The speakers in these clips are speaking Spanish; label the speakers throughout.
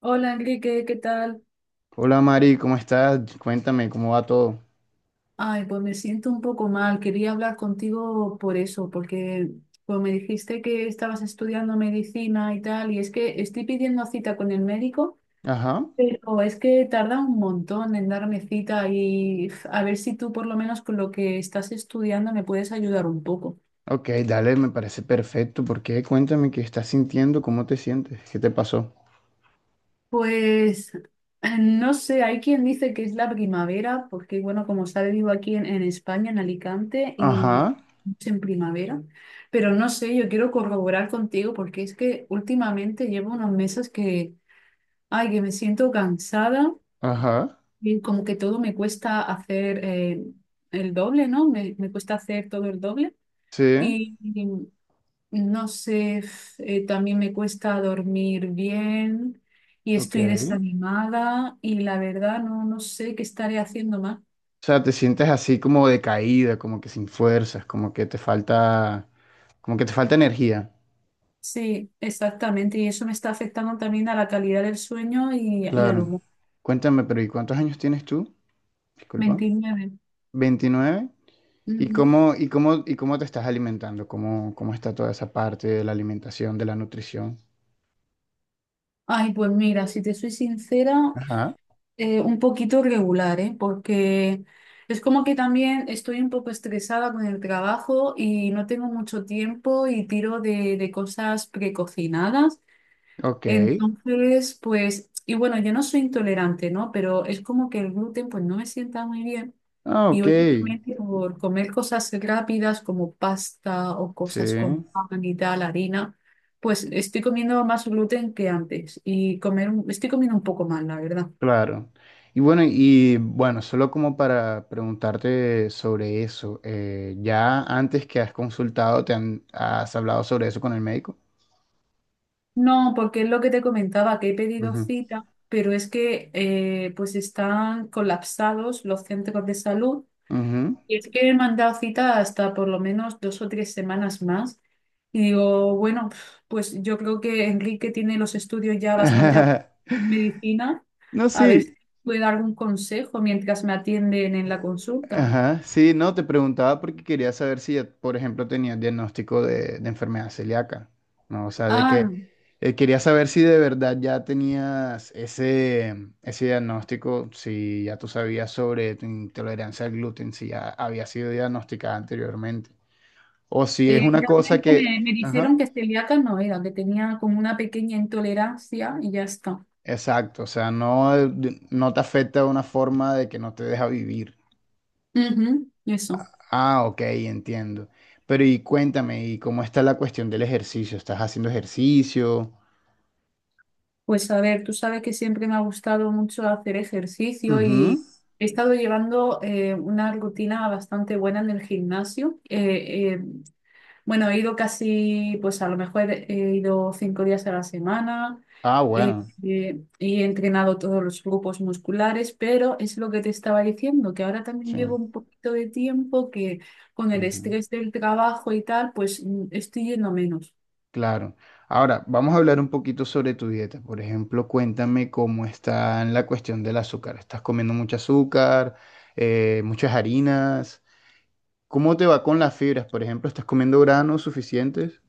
Speaker 1: Hola Enrique, ¿qué tal?
Speaker 2: Hola Mari, ¿cómo estás? Cuéntame, ¿cómo va todo?
Speaker 1: Ay, pues me siento un poco mal. Quería hablar contigo por eso, porque pues me dijiste que estabas estudiando medicina y tal, y es que estoy pidiendo cita con el médico,
Speaker 2: Ajá.
Speaker 1: pero es que tarda un montón en darme cita y uf, a ver si tú por lo menos con lo que estás estudiando me puedes ayudar un poco.
Speaker 2: Ok, dale, me parece perfecto. ¿Por qué? Cuéntame qué estás sintiendo, cómo te sientes, qué te pasó.
Speaker 1: Pues no sé, hay quien dice que es la primavera, porque bueno, como sabe, vivo aquí en España, en Alicante, y
Speaker 2: Ajá,
Speaker 1: es en primavera, pero no sé, yo quiero corroborar contigo porque es que últimamente llevo unos meses que, ay, que me siento cansada
Speaker 2: ajá,
Speaker 1: y como que todo me cuesta hacer el doble, ¿no? Me cuesta hacer todo el doble.
Speaker 2: sí,
Speaker 1: Y, no sé, también me cuesta dormir bien y
Speaker 2: ok.
Speaker 1: estoy desanimada y la verdad no sé qué estaré haciendo más.
Speaker 2: O sea, te sientes así como decaída, como que sin fuerzas, como que te falta, como que te falta energía.
Speaker 1: Sí, exactamente. Y eso me está afectando también a la calidad del sueño y al
Speaker 2: Claro.
Speaker 1: humor.
Speaker 2: Cuéntame, pero ¿y cuántos años tienes tú? Disculpa.
Speaker 1: 29.
Speaker 2: 29. ¿Y
Speaker 1: Ujú.
Speaker 2: cómo, y cómo te estás alimentando? ¿Cómo, cómo está toda esa parte de la alimentación, de la nutrición?
Speaker 1: Ay, pues mira, si te soy sincera,
Speaker 2: Ajá.
Speaker 1: un poquito regular, ¿eh? Porque es como que también estoy un poco estresada con el trabajo y no tengo mucho tiempo y tiro de cosas precocinadas.
Speaker 2: Ok,
Speaker 1: Entonces, pues, y bueno, yo no soy intolerante, ¿no? Pero es como que el gluten, pues, no me sienta muy bien.
Speaker 2: ah,
Speaker 1: Y
Speaker 2: ok,
Speaker 1: últimamente por comer cosas rápidas como pasta o
Speaker 2: sí,
Speaker 1: cosas con pan y tal, harina, pues estoy comiendo más gluten que antes y estoy comiendo un poco mal, la verdad.
Speaker 2: claro. Y bueno, solo como para preguntarte sobre eso, ¿ya antes que has consultado te han, has hablado sobre eso con el médico?
Speaker 1: No, porque es lo que te comentaba, que he pedido
Speaker 2: Ujú,
Speaker 1: cita, pero es que pues están colapsados los centros de salud.
Speaker 2: ujú.
Speaker 1: Y es que he mandado cita hasta por lo menos 2 o 3 semanas más. Y digo, bueno, pues yo creo que Enrique tiene los estudios ya bastante avanzados en medicina.
Speaker 2: No,
Speaker 1: A ver si
Speaker 2: sí.
Speaker 1: puede dar algún consejo mientras me atienden en la consulta.
Speaker 2: Ajá, sí, no, te preguntaba porque quería saber si, ya, por ejemplo, tenías diagnóstico de enfermedad celíaca, ¿no? O sea, de
Speaker 1: Ah,
Speaker 2: que quería saber si de verdad ya tenías ese, ese diagnóstico, si ya tú sabías sobre tu intolerancia al gluten, si ya había sido diagnosticada anteriormente, o si es una cosa
Speaker 1: realmente me
Speaker 2: que, ajá,
Speaker 1: dijeron que celíaca no era, que tenía como una pequeña intolerancia y ya está.
Speaker 2: exacto, o sea, no, no te afecta de una forma de que no te deja vivir.
Speaker 1: Ujú, eso.
Speaker 2: Ah, ok, entiendo. Pero y cuéntame, ¿y cómo está la cuestión del ejercicio? ¿Estás haciendo ejercicio?
Speaker 1: Pues a ver, tú sabes que siempre me ha gustado mucho hacer ejercicio
Speaker 2: Ujú.
Speaker 1: y he estado llevando una rutina bastante buena en el gimnasio. Bueno, he ido casi, pues a lo mejor he ido 5 días a la semana,
Speaker 2: Ah,
Speaker 1: eh,
Speaker 2: bueno,
Speaker 1: y he entrenado todos los grupos musculares, pero es lo que te estaba diciendo, que ahora también
Speaker 2: sí,
Speaker 1: llevo un poquito de tiempo que con el
Speaker 2: ujú,
Speaker 1: estrés del trabajo y tal, pues estoy yendo menos.
Speaker 2: claro. Ahora, vamos a hablar un poquito sobre tu dieta. Por ejemplo, cuéntame cómo está en la cuestión del azúcar. ¿Estás comiendo mucho azúcar, muchas harinas? ¿Cómo te va con las fibras? Por ejemplo, ¿estás comiendo granos suficientes?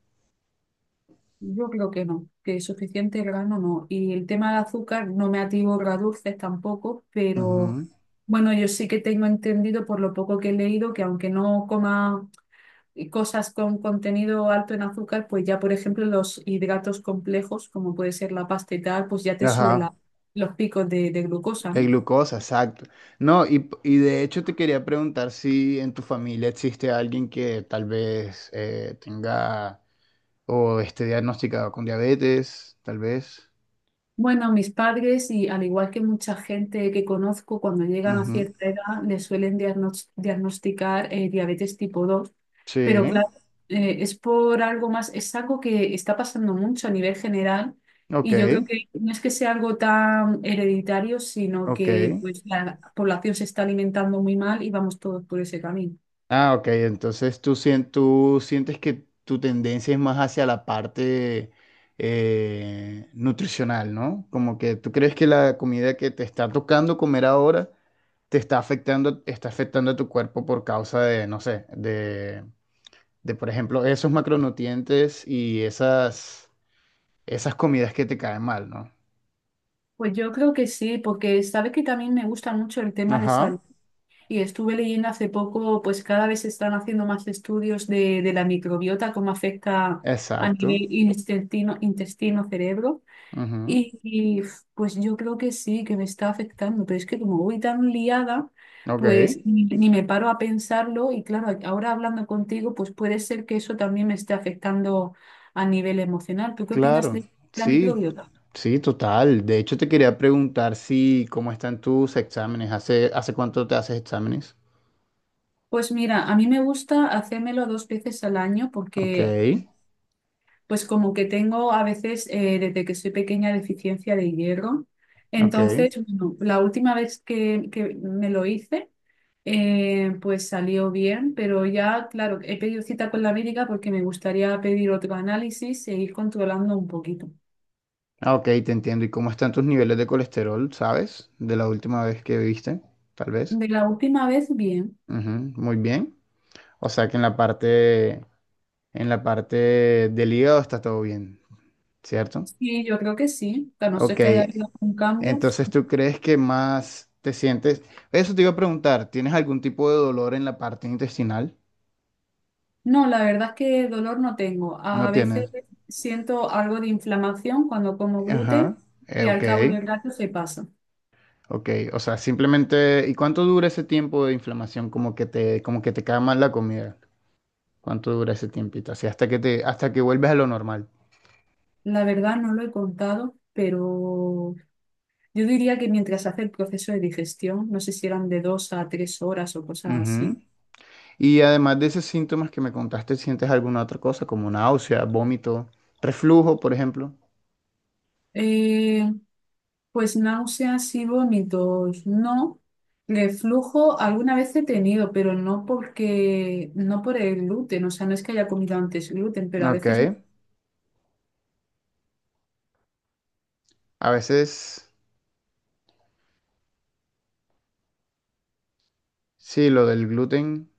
Speaker 1: Yo creo que no, que suficiente grano no. Y el tema del azúcar, no me ativo a dulces tampoco, pero
Speaker 2: Ujú.
Speaker 1: bueno, yo sí que tengo entendido por lo poco que he leído que aunque no coma cosas con contenido alto en azúcar, pues ya por ejemplo los hidratos complejos, como puede ser la pasta y tal, pues ya te suben la-
Speaker 2: Ajá.
Speaker 1: los picos de glucosa,
Speaker 2: De
Speaker 1: ¿no?
Speaker 2: glucosa, exacto. No, y de hecho te quería preguntar si en tu familia existe alguien que tal vez tenga o esté diagnosticado con diabetes, tal vez.
Speaker 1: Bueno, mis padres y al igual que mucha gente que conozco, cuando llegan a
Speaker 2: Ujú.
Speaker 1: cierta edad les suelen diagnosticar diabetes tipo 2, pero
Speaker 2: Sí,
Speaker 1: claro, es por algo más, es algo que está pasando mucho a nivel general
Speaker 2: ok,
Speaker 1: y yo creo que no es que sea algo tan hereditario, sino
Speaker 2: ok.
Speaker 1: que pues la población se está alimentando muy mal y vamos todos por ese camino.
Speaker 2: Ah, ok, entonces tú, tú sientes que tu tendencia es más hacia la parte nutricional, ¿no? Como que tú crees que la comida que te está tocando comer ahora te está afectando a tu cuerpo por causa de, no sé, de por ejemplo, esos macronutrientes y esas, esas comidas que te caen mal, ¿no?
Speaker 1: Pues yo creo que sí, porque sabes que también me gusta mucho el tema de salud.
Speaker 2: Ajá,
Speaker 1: Y estuve leyendo hace poco, pues cada vez se están haciendo más estudios de la microbiota, cómo afecta a
Speaker 2: exacto.
Speaker 1: nivel intestino, cerebro.
Speaker 2: Ujú,
Speaker 1: Y, y, pues yo creo que sí, que me está afectando, pero es que como voy tan liada,
Speaker 2: ok,
Speaker 1: pues ni me paro a pensarlo. Y claro, ahora hablando contigo, pues puede ser que eso también me esté afectando a nivel emocional. ¿Tú qué opinas
Speaker 2: claro.
Speaker 1: de la
Speaker 2: Sí,
Speaker 1: microbiota?
Speaker 2: sí, total. De hecho, te quería preguntar si cómo están tus exámenes. ¿Hace, hace cuánto te haces exámenes?
Speaker 1: Pues mira, a mí me gusta hacérmelo 2 veces al año
Speaker 2: Ok,
Speaker 1: porque pues como que tengo a veces, desde que soy pequeña, deficiencia de hierro.
Speaker 2: ok.
Speaker 1: Entonces, bueno, la última vez que me lo hice, pues salió bien, pero ya, claro, he pedido cita con la médica porque me gustaría pedir otro análisis e ir controlando un poquito.
Speaker 2: Ah, ok, te entiendo. ¿Y cómo están tus niveles de colesterol, sabes? De la última vez que viste, tal vez.
Speaker 1: De la última vez, bien.
Speaker 2: Ujú, muy bien. O sea que en la parte del hígado está todo bien, ¿cierto?
Speaker 1: Sí, yo creo que sí. A no ser
Speaker 2: Ok.
Speaker 1: que haya habido un cambio.
Speaker 2: Entonces, ¿tú crees que más te sientes? Eso te iba a preguntar. ¿Tienes algún tipo de dolor en la parte intestinal?
Speaker 1: No, la verdad es que dolor no tengo.
Speaker 2: No
Speaker 1: A veces
Speaker 2: tienes.
Speaker 1: siento algo de inflamación cuando como gluten
Speaker 2: Ajá,
Speaker 1: y al
Speaker 2: ok,
Speaker 1: cabo del rato se pasa.
Speaker 2: ok. O sea, simplemente, ¿y cuánto dura ese tiempo de inflamación? Como que te cae mal la comida. ¿Cuánto dura ese tiempito? Así hasta que te, hasta que vuelves a lo normal.
Speaker 1: La verdad no lo he contado, pero yo diría que mientras hace el proceso de digestión, no sé si eran de 2 a 3 horas o cosas
Speaker 2: Ujú.
Speaker 1: así.
Speaker 2: Y además de esos síntomas que me contaste, ¿sientes alguna otra cosa como náusea, vómito, reflujo, por ejemplo?
Speaker 1: eh, pues náuseas y vómitos, no. Reflujo alguna vez he tenido, pero no porque, no por el gluten, o sea, no es que haya comido antes gluten, pero a
Speaker 2: Ok.
Speaker 1: veces
Speaker 2: A veces, sí, lo del gluten,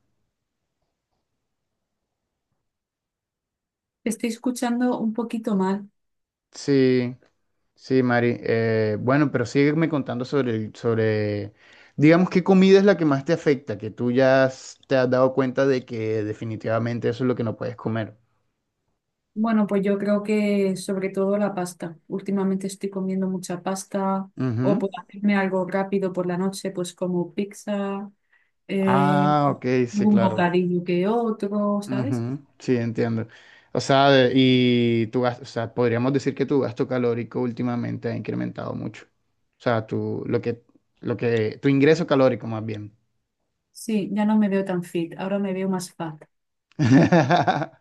Speaker 1: estoy escuchando un poquito mal.
Speaker 2: sí. Sí, Mari. Bueno, pero sígueme contando sobre, sobre, digamos, qué comida es la que más te afecta, que tú ya has- te has dado cuenta de que definitivamente eso es lo que no puedes comer.
Speaker 1: Bueno, pues yo creo que sobre todo la pasta. Últimamente estoy comiendo mucha pasta o
Speaker 2: Ujú.
Speaker 1: por hacerme algo rápido por la noche, pues como pizza, eh,
Speaker 2: Ah, ok, sí,
Speaker 1: algún
Speaker 2: claro.
Speaker 1: bocadillo que otro, ¿sabes?
Speaker 2: Ujú, sí, entiendo. O sea, y o sea, podríamos decir que tu gasto calórico últimamente ha incrementado mucho. O sea, tu, lo que, tu ingreso calórico más bien.
Speaker 1: Sí, ya no me veo tan fit, ahora me veo más fat.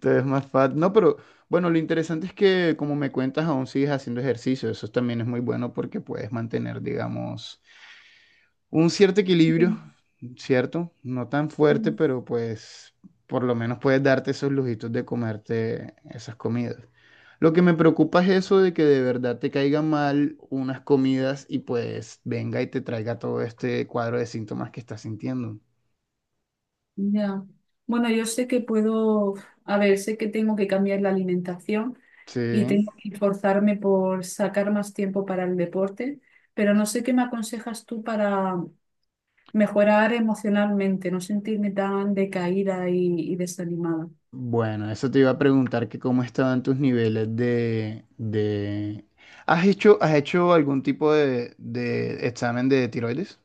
Speaker 2: Te ves más fat. No, pero bueno, lo interesante es que como me cuentas, aún sigues haciendo ejercicio. Eso también es muy bueno porque puedes mantener, digamos, un cierto equilibrio,
Speaker 1: Sí.
Speaker 2: ¿cierto? No tan fuerte,
Speaker 1: Mm.
Speaker 2: pero pues por lo menos puedes darte esos lujitos de comerte esas comidas. Lo que me preocupa es eso de que de verdad te caiga mal unas comidas y pues venga y te traiga todo este cuadro de síntomas que estás sintiendo.
Speaker 1: Ya. Bueno, yo sé que puedo, a ver, sé que tengo que cambiar la alimentación y
Speaker 2: Sí.
Speaker 1: tengo que esforzarme por sacar más tiempo para el deporte, pero no sé qué me aconsejas tú para mejorar emocionalmente, no sentirme tan decaída y desanimada.
Speaker 2: Bueno, eso te iba a preguntar que cómo estaban tus niveles de... has hecho algún tipo de examen de tiroides?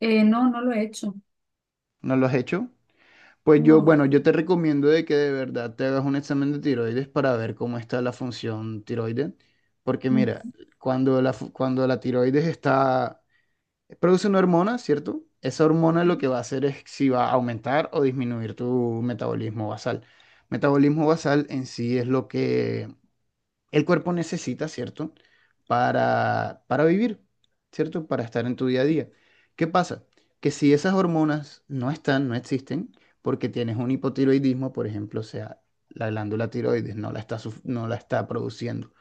Speaker 1: No, no lo he hecho.
Speaker 2: ¿No lo has hecho? Pues yo,
Speaker 1: No.
Speaker 2: bueno, yo te recomiendo de que de verdad te hagas un examen de tiroides para ver cómo está la función tiroides. Porque mira,
Speaker 1: Mm,
Speaker 2: cuando la, cuando la tiroides está, produce una hormona, ¿cierto? Esa hormona lo que va a hacer es si va a aumentar o disminuir tu metabolismo basal. Metabolismo basal en sí es lo que el cuerpo necesita, ¿cierto? Para vivir, ¿cierto? Para estar en tu día a día. ¿Qué pasa? Que si esas hormonas no están, no existen, porque tienes un hipotiroidismo, por ejemplo, o sea, la glándula tiroides no la está, no la está produciendo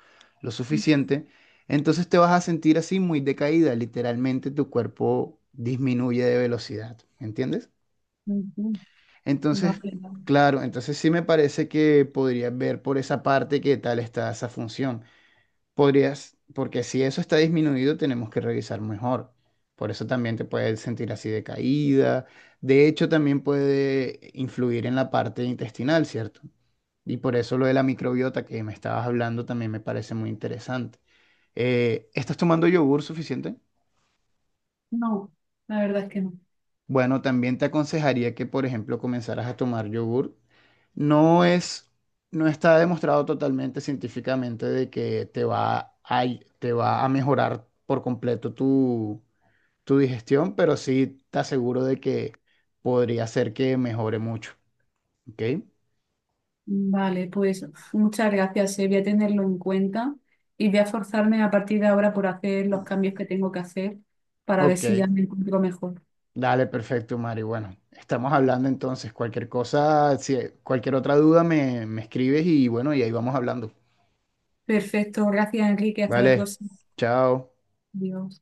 Speaker 2: lo
Speaker 1: mm,
Speaker 2: suficiente, entonces te vas a sentir así muy decaída, literalmente tu cuerpo disminuye de velocidad, ¿entiendes?
Speaker 1: mm, mm.
Speaker 2: Entonces,
Speaker 1: Vale, vale.
Speaker 2: claro, entonces sí me parece que podrías ver por esa parte qué tal está esa función. Podrías, porque si eso está disminuido, tenemos que revisar mejor. Por eso también te puedes sentir así de caída. De hecho, también puede influir en la parte intestinal, ¿cierto? Y por eso lo de la microbiota que me estabas hablando también me parece muy interesante. ¿Estás tomando yogur suficiente?
Speaker 1: No, la verdad es que no.
Speaker 2: Bueno, también te aconsejaría que, por ejemplo, comenzaras a tomar yogur. No es, no está demostrado totalmente científicamente de que te va a mejorar por completo tu, tu digestión, pero sí te aseguro de que podría ser que mejore mucho. ¿Ok?
Speaker 1: Vale, pues muchas gracias, voy a tenerlo en cuenta y voy a forzarme a partir de ahora por hacer los cambios que tengo que hacer para ver si ya
Speaker 2: Ok.
Speaker 1: me encuentro mejor.
Speaker 2: Dale, perfecto, Mari. Bueno, estamos hablando entonces. Cualquier cosa, si cualquier otra duda me, me escribes y bueno, y ahí vamos hablando.
Speaker 1: Perfecto, gracias Enrique, hasta la
Speaker 2: Vale.
Speaker 1: próxima.
Speaker 2: Chao.
Speaker 1: Adiós.